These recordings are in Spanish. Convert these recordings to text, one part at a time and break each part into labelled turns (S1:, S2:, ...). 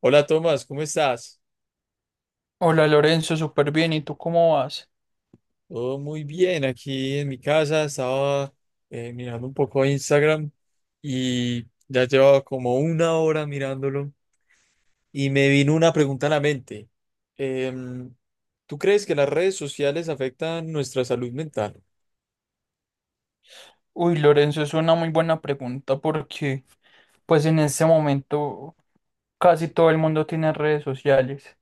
S1: Hola Tomás, ¿cómo estás?
S2: Hola Lorenzo, súper bien. ¿Y tú cómo vas?
S1: Todo muy bien aquí en mi casa. Estaba mirando un poco Instagram y ya llevaba como una hora mirándolo y me vino una pregunta a la mente. Em, ¿Tú crees que las redes sociales afectan nuestra salud mental?
S2: Uy, Lorenzo, es una muy buena pregunta porque pues en este momento casi todo el mundo tiene redes sociales.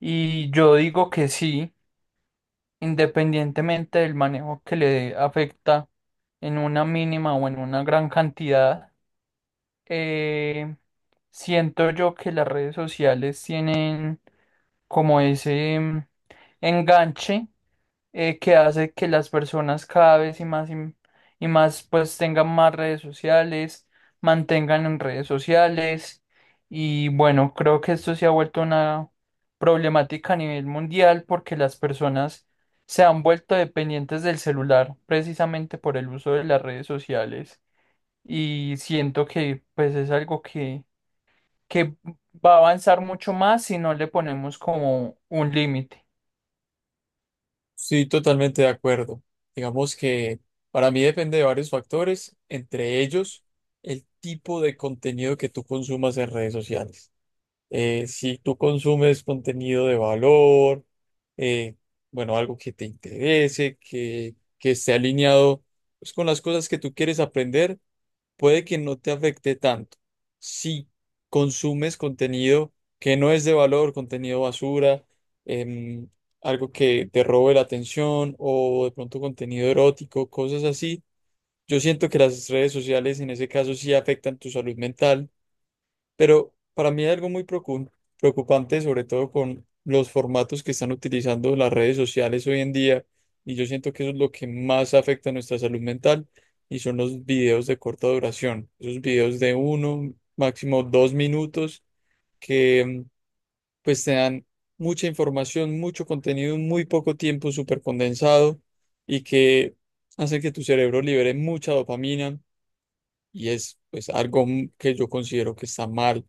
S2: Y yo digo que sí, independientemente del manejo que le dé, afecta en una mínima o en una gran cantidad. eh, Siento yo que las redes sociales tienen como ese enganche que hace que las personas cada vez y más y más pues tengan más redes sociales, mantengan en redes sociales. Y bueno, creo que esto se ha vuelto una problemática a nivel mundial porque las personas se han vuelto dependientes del celular precisamente por el uso de las redes sociales, y siento que pues es algo que va a avanzar mucho más si no le ponemos como un límite.
S1: Sí, totalmente de acuerdo. Digamos que para mí depende de varios factores, entre ellos el tipo de contenido que tú consumas en redes sociales. Si tú consumes contenido de valor, eh, bueno, algo que te interese, que esté alineado, pues, con las cosas que tú quieres aprender, puede que no te afecte tanto. Si consumes contenido que no es de valor, contenido basura, em, algo que te robe la atención o de pronto contenido erótico, cosas así, yo siento que las redes sociales en ese caso sí afectan tu salud mental, pero para mí hay algo muy preocupante, sobre todo con los formatos que están utilizando las redes sociales hoy en día, y yo siento que eso es lo que más afecta a nuestra salud mental, y son los videos de corta duración, esos videos de uno, máximo 2 minutos, que pues te dan mucha información, mucho contenido en muy poco tiempo, súper condensado, y que hacen que tu cerebro libere mucha dopamina, y es pues algo que yo considero que está mal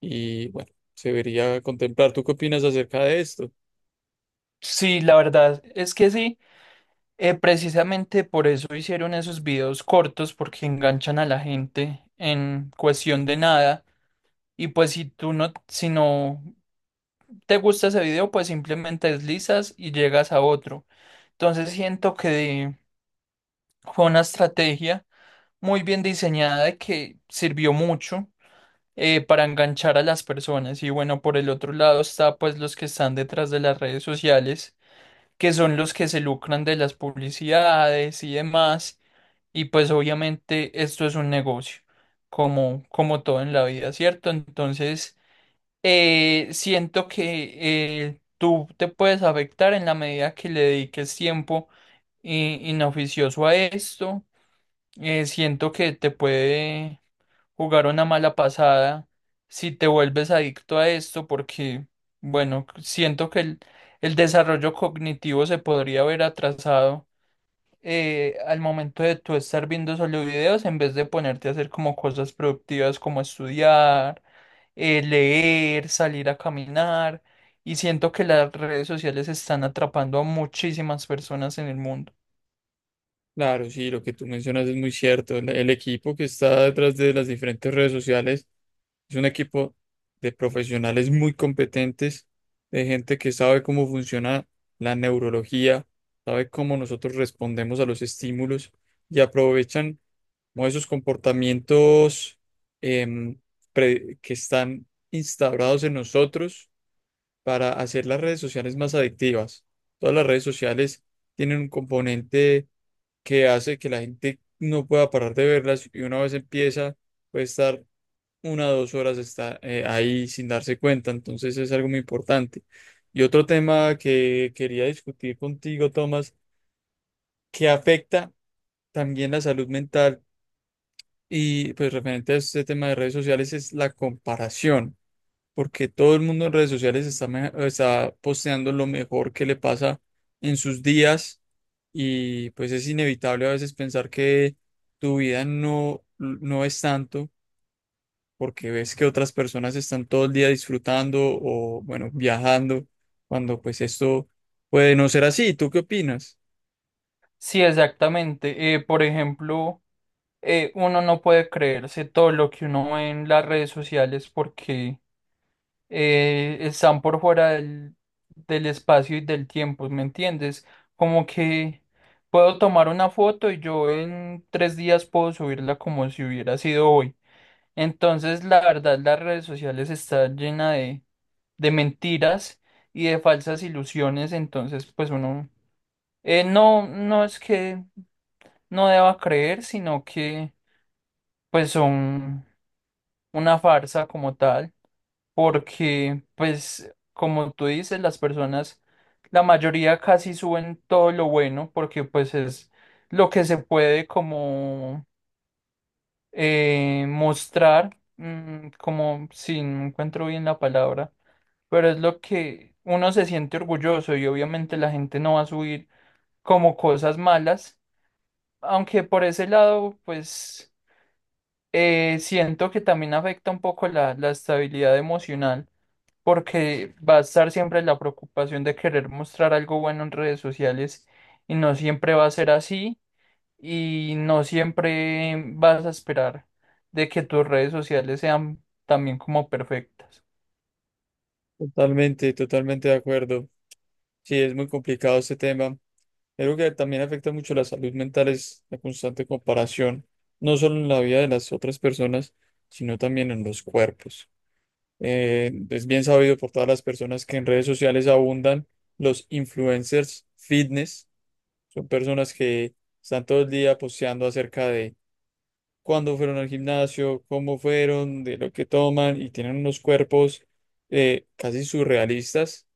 S1: y, bueno, se debería contemplar. ¿Tú qué opinas acerca de esto?
S2: Sí, la verdad es que sí. Precisamente por eso hicieron esos videos cortos porque enganchan a la gente en cuestión de nada, y pues si no te gusta ese video pues simplemente deslizas y llegas a otro. Entonces siento que fue una estrategia muy bien diseñada y que sirvió mucho para enganchar a las personas. Y bueno, por el otro lado está pues los que están detrás de las redes sociales, que son los que se lucran de las publicidades y demás. Y pues obviamente esto es un negocio, como, como todo en la vida, ¿cierto? Entonces, siento que tú te puedes afectar en la medida que le dediques tiempo inoficioso a esto. Siento que te puede jugar una mala pasada si te vuelves adicto a esto, porque, bueno, siento que el desarrollo cognitivo se podría ver atrasado al momento de tú estar viendo solo videos, en vez de ponerte a hacer como cosas productivas como estudiar, leer, salir a caminar. Y siento que las redes sociales están atrapando a muchísimas personas en el mundo.
S1: Claro, sí, lo que tú mencionas es muy cierto. El equipo que está detrás de las diferentes redes sociales es un equipo de profesionales muy competentes, de gente que sabe cómo funciona la neurología, sabe cómo nosotros respondemos a los estímulos y aprovechan como esos comportamientos, em, que están instaurados en nosotros para hacer las redes sociales más adictivas. Todas las redes sociales tienen un componente que hace que la gente no pueda parar de verlas, y una vez empieza puede estar 1 o 2 horas ahí sin darse cuenta. Entonces es algo muy importante. Y otro tema que quería discutir contigo, Tomás, que afecta también la salud mental, y pues referente a este tema de redes sociales, es la comparación. Porque todo el mundo en redes sociales está, está posteando lo mejor que le pasa en sus días, y pues es inevitable a veces pensar que tu vida no, no es tanto, porque ves que otras personas están todo el día disfrutando o, bueno, viajando, cuando pues esto puede no ser así. ¿Tú qué opinas?
S2: Sí, exactamente. Por ejemplo, uno no puede creerse todo lo que uno ve en las redes sociales porque están por fuera del espacio y del tiempo, ¿me entiendes? Como que puedo tomar una foto y yo en tres días puedo subirla como si hubiera sido hoy. Entonces, la verdad, las redes sociales están llenas de mentiras y de falsas ilusiones. Entonces, pues uno no es que no deba creer, sino que pues son una farsa como tal, porque, pues, como tú dices, las personas, la mayoría casi suben todo lo bueno, porque pues es lo que se puede como mostrar, como si no encuentro bien la palabra, pero es lo que uno se siente orgulloso, y obviamente la gente no va a subir como cosas malas, aunque por ese lado, pues, siento que también afecta un poco la estabilidad emocional, porque va a estar siempre la preocupación de querer mostrar algo bueno en redes sociales, y no siempre va a ser así, y no siempre vas a esperar de que tus redes sociales sean también como perfectas.
S1: Totalmente, totalmente de acuerdo. Sí, es muy complicado este tema. Algo que también afecta mucho la salud mental es la constante comparación, no solo en la vida de las otras personas, sino también en los cuerpos. Es bien sabido por todas las personas que en redes sociales abundan los influencers fitness. Son personas que están todo el día posteando acerca de cuándo fueron al gimnasio, cómo fueron, de lo que toman, y tienen unos cuerpos casi surrealistas,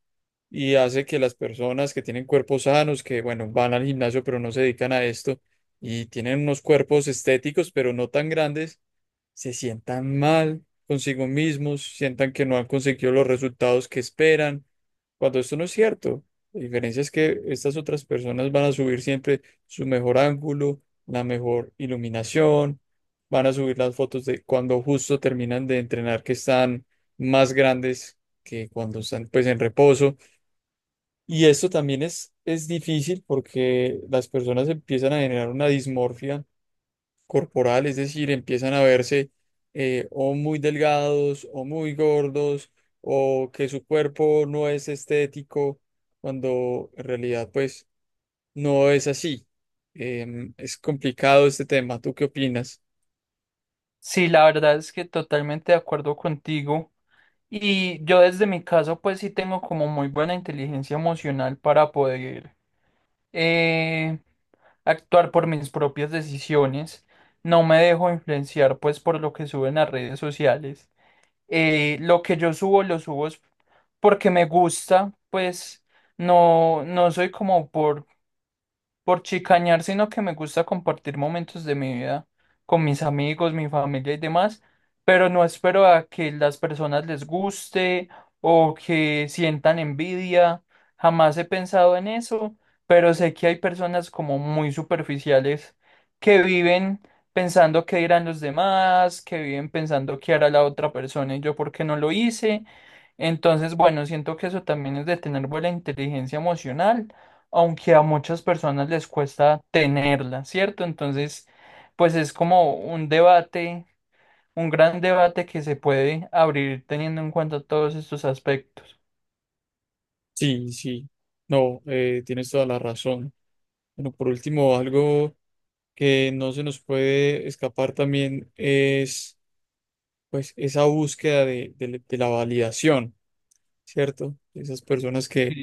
S1: y hace que las personas que tienen cuerpos sanos, que bueno, van al gimnasio pero no se dedican a esto, y tienen unos cuerpos estéticos pero no tan grandes, se sientan mal consigo mismos, sientan que no han conseguido los resultados que esperan, cuando esto no es cierto. La diferencia es que estas otras personas van a subir siempre su mejor ángulo, la mejor iluminación, van a subir las fotos de cuando justo terminan de entrenar, que están más grandes que cuando están pues en reposo. Y esto también es difícil porque las personas empiezan a generar una dismorfia corporal, es decir, empiezan a verse o muy delgados o muy gordos o que su cuerpo no es estético, cuando en realidad pues no es así. Es complicado este tema. ¿Tú qué opinas?
S2: Sí, la verdad es que totalmente de acuerdo contigo, y yo desde mi caso pues sí tengo como muy buena inteligencia emocional para poder eh, actuar por mis propias decisiones. No me dejo influenciar pues por lo que suben las redes sociales. Lo que yo subo, lo subo es porque me gusta. Pues no, no soy como por chicañar, sino que me gusta compartir momentos de mi vida con mis amigos, mi familia y demás, pero no espero a que las personas les guste o que sientan envidia. Jamás he pensado en eso, pero sé que hay personas como muy superficiales que viven pensando qué dirán los demás, que viven pensando qué hará la otra persona y yo por qué no lo hice. Entonces, bueno, siento que eso también es de tener buena inteligencia emocional, aunque a muchas personas les cuesta tenerla, ¿cierto? Entonces, pues es como un debate, un gran debate que se puede abrir teniendo en cuenta todos estos aspectos.
S1: Sí, sí. No, tienes toda la razón. Bueno, por último, algo que no se nos puede escapar también es pues esa búsqueda de, de la validación. ¿Cierto? Esas personas que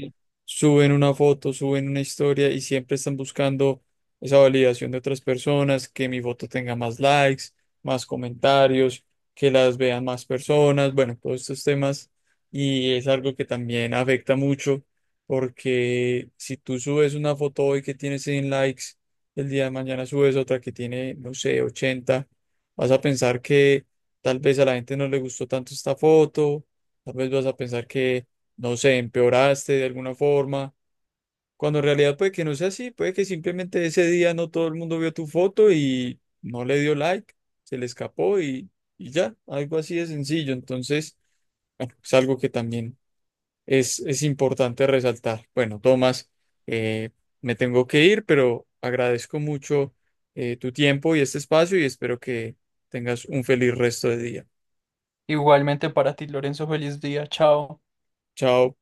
S1: suben una foto, suben una historia y siempre están buscando esa validación de otras personas, que mi foto tenga más likes, más comentarios, que las vean más personas, bueno, todos estos temas. Y es algo que también afecta mucho, porque si tú subes una foto hoy que tiene 100 likes, el día de mañana subes otra que tiene, no sé, 80, vas a pensar que tal vez a la gente no le gustó tanto esta foto. Tal vez vas a pensar que, no sé, empeoraste de alguna forma, cuando en realidad puede que no sea así, puede que simplemente ese día no todo el mundo vio tu foto y no le dio like, se le escapó y ya, algo así de sencillo. Entonces, bueno, es algo que también es importante resaltar. Bueno, Tomás, eh, me tengo que ir, pero agradezco mucho tu tiempo y este espacio, y espero que tengas un feliz resto de día.
S2: Igualmente para ti, Lorenzo, feliz día, chao.
S1: Chao.